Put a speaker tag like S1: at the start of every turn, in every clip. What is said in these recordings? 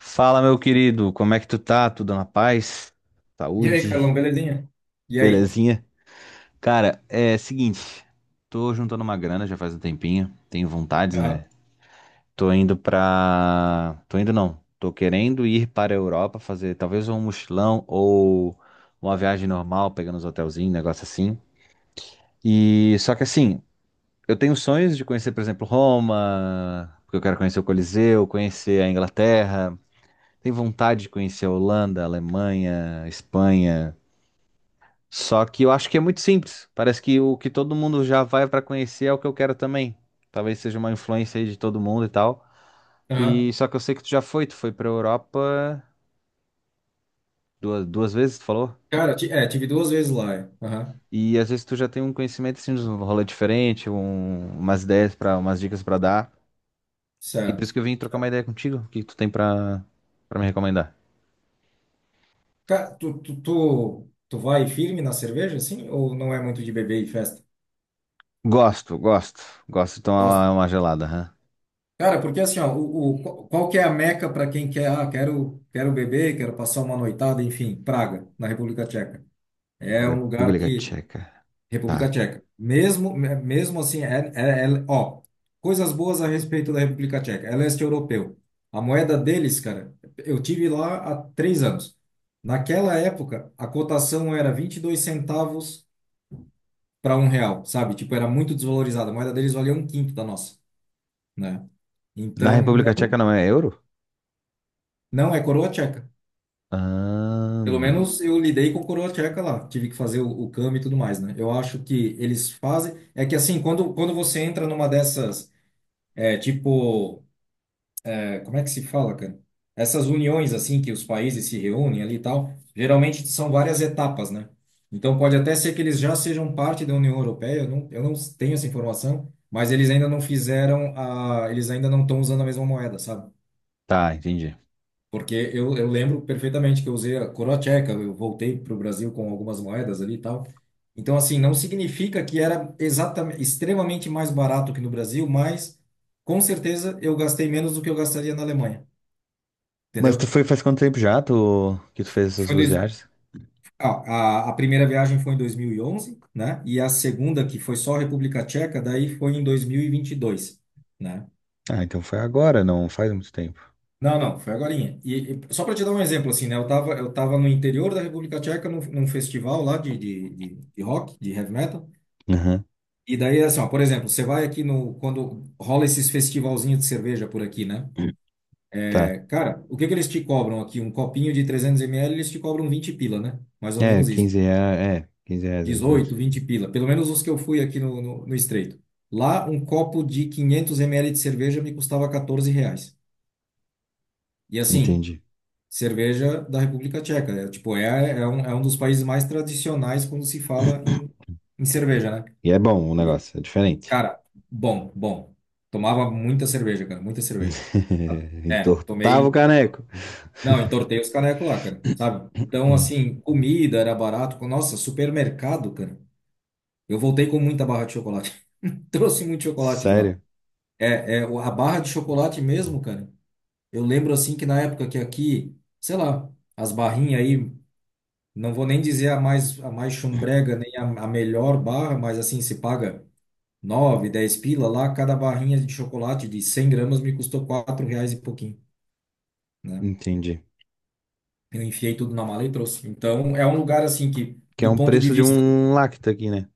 S1: Fala, meu querido, como é que tu tá? Tudo na paz?
S2: E aí,
S1: Saúde?
S2: Carlão, belezinha? E aí?
S1: Belezinha? Cara, é seguinte, tô juntando uma grana já faz um tempinho, tenho vontades,
S2: Aham,
S1: né? Tô indo pra... Tô indo não, tô querendo ir para a Europa fazer talvez um mochilão ou uma viagem normal, pegando os hotelzinhos, negócio assim. E só que assim, eu tenho sonhos de conhecer, por exemplo, Roma, porque eu quero conhecer o Coliseu, conhecer a Inglaterra, tem vontade de conhecer a Holanda, a Alemanha, a Espanha. Só que eu acho que é muito simples. Parece que o que todo mundo já vai pra conhecer é o que eu quero também. Talvez seja uma influência aí de todo mundo e tal. E
S2: aham.
S1: só que eu sei que tu já foi, tu foi pra Europa duas vezes, tu falou?
S2: Cara, tive duas vezes lá. É. Aham,
S1: E às vezes tu já tem um conhecimento assim, de um rolê diferente, umas ideias para, umas dicas pra dar. E por
S2: certo.
S1: isso que eu vim trocar uma ideia contigo. O que tu tem pra para me recomendar?
S2: Cara, tu vai firme na cerveja, assim? Ou não é muito de beber e festa?
S1: Gosto, gosto. Gosto de
S2: Gosta?
S1: tomar uma gelada, hã?
S2: Cara, porque assim, ó, qual que é a meca para quem quer, quero beber, quero passar uma noitada, enfim, Praga, na República Tcheca. É um lugar
S1: República
S2: que
S1: Tcheca.
S2: República
S1: Tá.
S2: Tcheca. Mesmo assim, ó, coisas boas a respeito da República Tcheca. É leste europeu. A moeda deles, cara, eu tive lá há 3 anos. Naquela época, a cotação era 22 centavos para um real, sabe? Tipo, era muito desvalorizada. A moeda deles valia um quinto da nossa, né?
S1: Na
S2: Então,
S1: República
S2: não,
S1: Tcheca não é euro?
S2: não é coroa tcheca. Pelo
S1: Ahn,
S2: menos eu lidei com coroa tcheca lá. Tive que fazer o câmbio e tudo mais, né? Eu acho que eles fazem. É que assim, quando você entra numa dessas. É tipo, como é que se fala, cara? Essas uniões assim que os países se reúnem ali e tal, geralmente são várias etapas, né? Então pode até ser que eles já sejam parte da União Europeia, eu não tenho essa informação, mas eles ainda não fizeram eles ainda não estão usando a mesma moeda, sabe?
S1: tá, entendi.
S2: Porque eu lembro perfeitamente que eu usei a coroa tcheca, eu voltei para o Brasil com algumas moedas ali e tal. Então, assim, não significa que era exatamente, extremamente mais barato que no Brasil, mas com certeza eu gastei menos do que eu gastaria na Alemanha,
S1: Mas tu
S2: entendeu?
S1: foi faz quanto tempo já tu, que tu fez essas
S2: Foi em
S1: duas
S2: dois,
S1: viagens?
S2: ah, a primeira viagem foi em 2011, né? E a segunda, que foi só República Tcheca, daí foi em dois mil e vinte e dois, né?
S1: Ah, então foi agora, não faz muito tempo.
S2: Não, não, foi agorinha. E só para te dar um exemplo, assim, né? Eu tava no interior da República Tcheca, num festival lá de rock, de heavy metal.
S1: Aham.
S2: E daí, assim, ó, por exemplo, você vai aqui no. Quando rola esses festivalzinhos de cerveja por aqui, né?
S1: Tá.
S2: É, cara, o que que eles te cobram aqui? Um copinho de 300 ml, eles te cobram 20 pila, né? Mais ou
S1: É,
S2: menos isso.
S1: 15 reais, é, 15 reais mais ou menos.
S2: 18, 20 pila. Pelo menos os que eu fui aqui no, no Estreito. Lá, um copo de 500 ml de cerveja me custava R$ 14. E assim,
S1: Entendi.
S2: cerveja da República Tcheca. É um dos países mais tradicionais quando se fala em, em cerveja, né?
S1: E é bom o
S2: E,
S1: negócio, é diferente.
S2: cara, bom, bom. Tomava muita cerveja, cara, muita cerveja. É,
S1: Entortava o
S2: tomei.
S1: caneco.
S2: Não, entortei os canecos lá, cara, sabe? Então,
S1: Hum.
S2: assim, comida era barato. Nossa, supermercado, cara. Eu voltei com muita barra de chocolate. Trouxe muito chocolate de lá.
S1: Sério?
S2: É, a barra de chocolate mesmo, cara. Eu lembro, assim, que na época que aqui, sei lá, as barrinhas aí. Não vou nem dizer a mais chumbrega, nem a melhor barra, mas assim, se paga 9, 10 pila lá, cada barrinha de chocolate de 100 gramas me custou 4 reais e pouquinho, né?
S1: Entendi.
S2: Eu enfiei tudo na mala e trouxe. Então, é um lugar assim que,
S1: Que é
S2: do
S1: um
S2: ponto de
S1: preço de
S2: vista...
S1: um lacta aqui, né?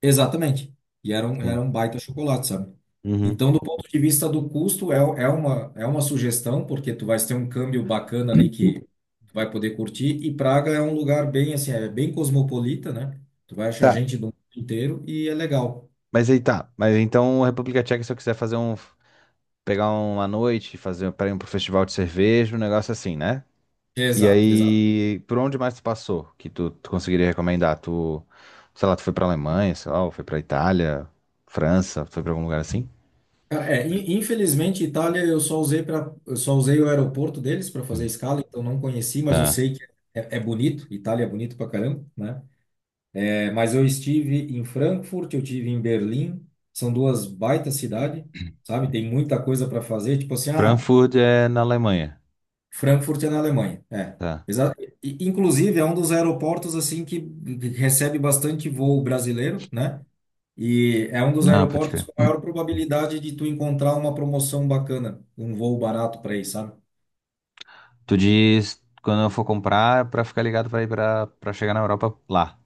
S2: Exatamente. E era um, era
S1: Sim.
S2: um baita chocolate, sabe?
S1: Uhum.
S2: Então, do, uhum, ponto de vista do custo, é uma sugestão, porque tu vais ter um câmbio bacana ali que tu vai poder curtir. E Praga é um lugar bem, assim, é bem cosmopolita, né? Tu vai achar
S1: Tá,
S2: gente do mundo inteiro e é legal.
S1: mas aí tá. Mas então a República Tcheca, se eu quiser fazer um. Pegar uma noite, fazer para ir pro festival de cerveja, um negócio assim, né? E
S2: Exato, exato.
S1: aí, por onde mais tu passou que tu, tu conseguiria recomendar? Tu, sei lá, tu foi pra Alemanha, sei lá, ou foi pra Itália, França, foi pra algum lugar assim?
S2: Cara, infelizmente, Itália eu só usei o aeroporto deles para fazer escala, então não conheci, mas eu
S1: Tá.
S2: sei que é bonito. Itália é bonito pra caramba, né? É, mas eu estive em Frankfurt, eu tive em Berlim, são duas baita cidades, sabe? Tem muita coisa para fazer, tipo assim,
S1: Frankfurt é na Alemanha.
S2: Frankfurt é na Alemanha, é.
S1: Tá.
S2: Exa Inclusive é um dos aeroportos assim que recebe bastante voo brasileiro, né? E é um dos
S1: Ah, pode
S2: aeroportos
S1: crer.
S2: com maior probabilidade de tu encontrar uma promoção bacana, um voo barato para ir, sabe?
S1: Tu diz quando eu for comprar é pra ficar ligado pra ir pra, pra chegar na Europa lá.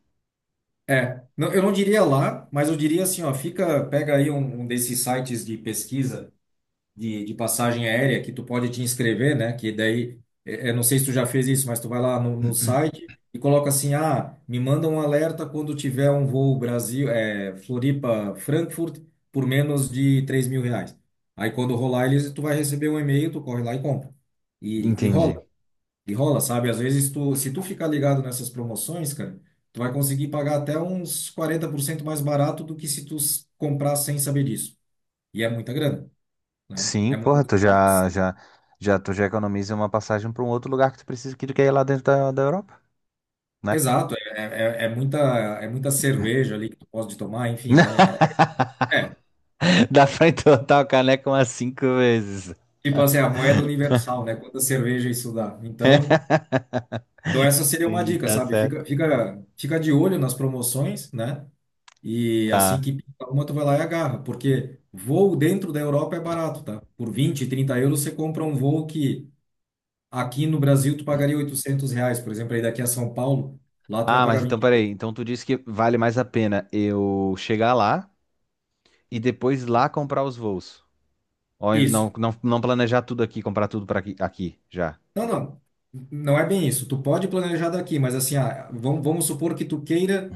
S2: É, não, eu não diria lá, mas eu diria assim, ó, fica, pega aí um desses sites de pesquisa de passagem aérea que tu pode te inscrever, né? Que daí, não sei se tu já fez isso, mas tu vai lá no, no site e coloca assim, me manda um alerta quando tiver um voo Brasil, Floripa, Frankfurt, por menos de R$ 3.000. Aí quando rolar eles, tu vai receber um e-mail, tu corre lá e compra. E
S1: Entendi.
S2: rola, e rola, sabe? Às vezes tu, se tu ficar ligado nessas promoções, cara, tu vai conseguir pagar até uns 40% mais barato do que se tu comprar sem saber disso. E é muita grana, né?
S1: Sim, porra, tu já, já, já, tu já economiza uma passagem pra um outro lugar que tu precisa, que tu quer ir lá dentro da, da Europa, né?
S2: Exato, é muita cerveja ali que tu pode tomar, enfim, é é,
S1: Dá pra entortar o caneco umas cinco vezes.
S2: tipo assim, a moeda universal, né? Quanta cerveja isso dá. Então, essa seria uma
S1: Entendi,
S2: dica,
S1: tá
S2: sabe?
S1: certo.
S2: Fica, fica, fica de olho nas promoções, né? E assim
S1: Tá.
S2: que pinta uma, tu vai lá e agarra, porque voo dentro da Europa é barato, tá? Por 20, 30 euros você compra um voo que aqui no Brasil tu pagaria R$ 800, por exemplo, aí daqui a São Paulo, lá tu vai
S1: Ah, mas
S2: pagar
S1: então
S2: 20.
S1: peraí. Então tu disse que vale mais a pena eu chegar lá e depois lá comprar os voos. Ou
S2: Isso.
S1: não, não, não planejar tudo aqui, comprar tudo para aqui, aqui já.
S2: Não, não. Não é bem isso. Tu pode planejar daqui, mas assim, ah, vamos supor que tu queira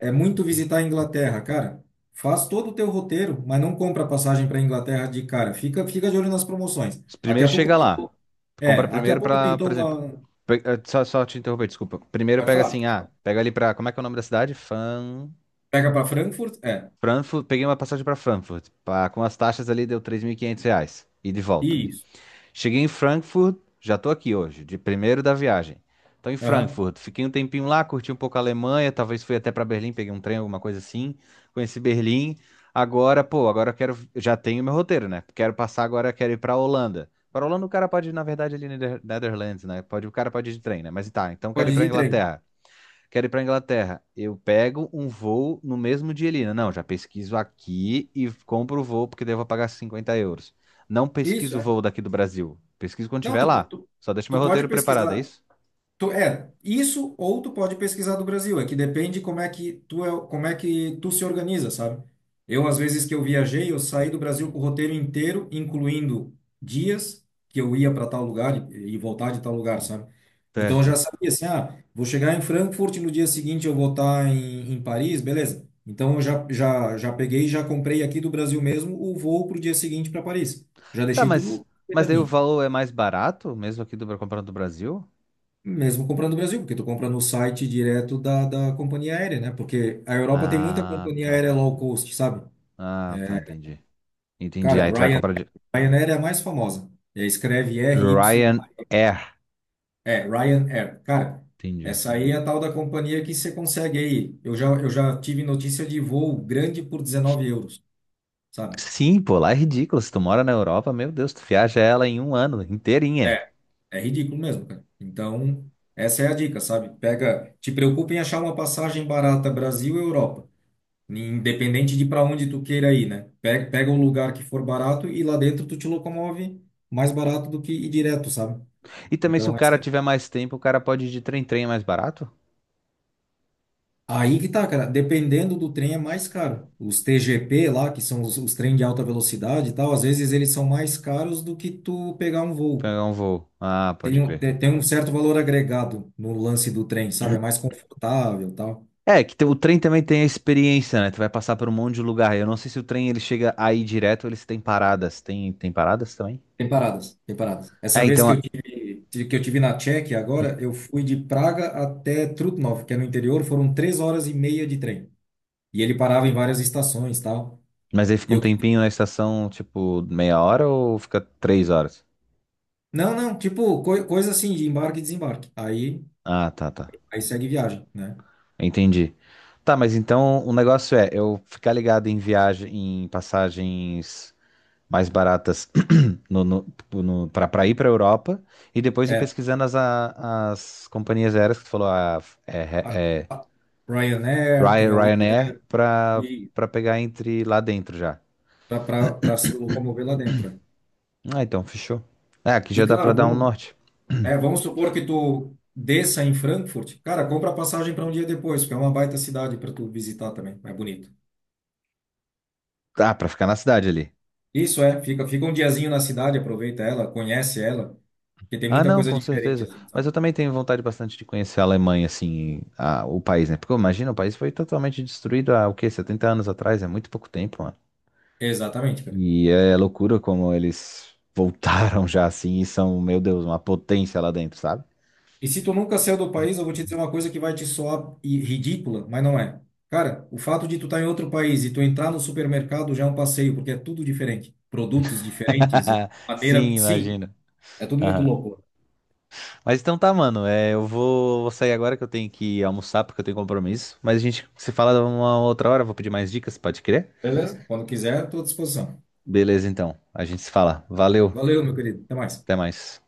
S2: é muito visitar a Inglaterra, cara. Faz todo o teu roteiro, mas não compra passagem para Inglaterra de cara. Fica, fica de olho nas promoções. Daqui
S1: Primeiro
S2: a pouco
S1: chega lá.
S2: pintou.
S1: Tu compra
S2: É, daqui a
S1: primeiro
S2: pouco
S1: pra, por
S2: pintou
S1: exemplo.
S2: uma.
S1: Só, só te interromper, desculpa. Primeiro
S2: Pode
S1: pega
S2: falar.
S1: assim, ah, pega ali pra. Como é que é o nome da cidade? Fan...
S2: Pega para Frankfurt. É.
S1: Frankfurt. Peguei uma passagem pra Frankfurt. Pá, com as taxas ali deu 3.500 reais. E de volta.
S2: Isso.
S1: Cheguei em Frankfurt, já tô aqui hoje, de primeiro da viagem. Tô em
S2: Aham.
S1: Frankfurt, fiquei um tempinho lá, curti um pouco a Alemanha, talvez fui até pra Berlim, peguei um trem, alguma coisa assim. Conheci Berlim. Agora, pô, agora eu quero, já tenho meu roteiro, né? Quero passar agora, quero ir pra Holanda. Pra Holanda o cara pode ir, na verdade, ali na Netherlands, né? Pode, o cara pode ir de trem, né? Mas tá, então quero
S2: Pode
S1: ir
S2: ir
S1: pra
S2: de trem.
S1: Inglaterra. Quero ir para Inglaterra. Eu pego um voo no mesmo dia ali. Não, já pesquiso aqui e compro o voo, porque daí eu vou pagar 50 euros. Não
S2: Isso,
S1: pesquiso o
S2: é.
S1: voo daqui do Brasil. Pesquiso quando
S2: Não,
S1: estiver
S2: tu, po-
S1: lá.
S2: tu,
S1: Só deixo meu
S2: tu pode
S1: roteiro preparado, é
S2: pesquisar.
S1: isso?
S2: Tu, isso, ou tu pode pesquisar do Brasil, é que depende como é que tu é, como é que tu se organiza, sabe? Eu, às vezes que eu viajei, eu saí do Brasil com o roteiro inteiro, incluindo dias que eu ia para tal lugar e voltar de tal lugar, sabe? Então eu já
S1: Certo.
S2: sabia assim, vou chegar em Frankfurt, no dia seguinte eu vou estar em, em Paris, beleza. Então eu já, já peguei e já comprei aqui do Brasil mesmo o voo para o dia seguinte para Paris. Já
S1: Tá,
S2: deixei tudo
S1: mas daí o
S2: ajeitadinho.
S1: valor é mais barato, mesmo aqui do comprando do Brasil?
S2: Mesmo comprando no Brasil, porque tu compra no site direto da companhia aérea, né? Porque a Europa tem muita
S1: Ah,
S2: companhia
S1: tá.
S2: aérea low cost, sabe?
S1: Ah, tá,
S2: É,
S1: entendi. Entendi.
S2: cara,
S1: Aí tu vai
S2: Ryan,
S1: comprar de
S2: Ryanair é a mais famosa. É, escreve R Y,
S1: Ryanair.
S2: é Ryanair. Cara,
S1: Entendi.
S2: essa aí é a tal da companhia que você consegue aí. Eu já tive notícia de voo grande por € 19, sabe?
S1: Sim, pô, lá é ridículo. Se tu mora na Europa, meu Deus, tu viaja ela em um ano inteirinha.
S2: É, é ridículo mesmo, cara. Então, essa é a dica, sabe? Pega, te preocupa em achar uma passagem barata Brasil-Europa. Independente de para onde tu queira ir, né? Pega, pega um lugar que for barato e lá dentro tu te locomove mais barato do que ir direto, sabe?
S1: E também, se o
S2: Então,
S1: cara
S2: essa é...
S1: tiver mais tempo, o cara pode ir de trem-trem é mais barato?
S2: Aí que tá, cara. Dependendo do trem é mais caro. Os TGP lá, que são os trens de alta velocidade e tal, às vezes eles são mais caros do que tu pegar um voo.
S1: Pegar um voo. Ah, pode
S2: Tem, um-
S1: crer.
S2: tem tem um certo valor agregado no lance do trem, sabe? É mais confortável e tal.
S1: É, que tem- o trem também tem a experiência, né? Tu vai passar por um monte de lugar. Eu não sei se o trem ele chega aí direto ou eles têm paradas. Tem, tem paradas também?
S2: Tem paradas, tem paradas. Essa
S1: É,
S2: vez
S1: então.
S2: que eu
S1: A-
S2: tive, que eu tive na Tchequia agora, eu fui de Praga até Trutnov, que é no interior, foram 3 horas e meia de trem. E ele parava em várias estações, tal.
S1: Mas aí
S2: E
S1: fica um
S2: eu quis...
S1: tempinho na estação, tipo, meia hora ou fica 3 horas?
S2: Não, não, tipo, coisa assim, de embarque e desembarque. Aí,
S1: Ah, tá, tá.
S2: aí segue viagem, né?
S1: Entendi. Tá, mas então o negócio é eu ficar ligado em viagem, em passagens mais baratas no, no, tipo, no, para ir para a Europa e depois ir
S2: É,
S1: pesquisando as, as companhias aéreas que tu falou, a,
S2: a,
S1: é, é,
S2: a Ryanair, tem a Wizz Air,
S1: Ryanair, para
S2: e
S1: para pegar entre lá dentro já.
S2: para se locomover lá dentro. É.
S1: Ah, então fechou. É, aqui
S2: E
S1: já dá para
S2: claro,
S1: dar um
S2: vamos,
S1: norte.
S2: é, vamos supor que tu desça em Frankfurt, cara, compra passagem para um dia depois, porque é uma baita cidade para tu visitar também, é bonito.
S1: Ah, para ficar na cidade ali.
S2: Isso é, fica, fica um diazinho na cidade, aproveita ela, conhece ela, porque tem
S1: Ah,
S2: muita
S1: não,
S2: coisa
S1: com
S2: diferente,
S1: certeza.
S2: assim,
S1: Mas
S2: sabe?
S1: eu também tenho vontade bastante de conhecer a Alemanha, assim, a- o país, né? Porque imagina, o país foi totalmente destruído há, o quê? 70 anos atrás, é muito pouco tempo.
S2: Exatamente, cara.
S1: E é loucura como eles voltaram já assim e são, meu Deus, uma potência lá dentro, sabe?
S2: E se tu nunca saiu do país, eu vou te dizer uma coisa que vai te soar ridícula, mas não é. Cara, o fato de tu estar em outro país e tu entrar no supermercado já é um passeio, porque é tudo diferente. Produtos diferentes, maneira.
S1: Sim,
S2: Sim,
S1: imagino.
S2: é tudo muito
S1: Aham.
S2: louco.
S1: Mas então tá, mano. É, eu vou, vou sair agora que eu tenho que almoçar porque eu tenho compromisso. Mas a gente se fala uma outra hora. Vou pedir mais dicas, pode crer?
S2: Beleza? Quando quiser, estou à disposição.
S1: Beleza, então. A gente se fala. Valeu.
S2: Valeu, meu querido. Até mais.
S1: Até mais.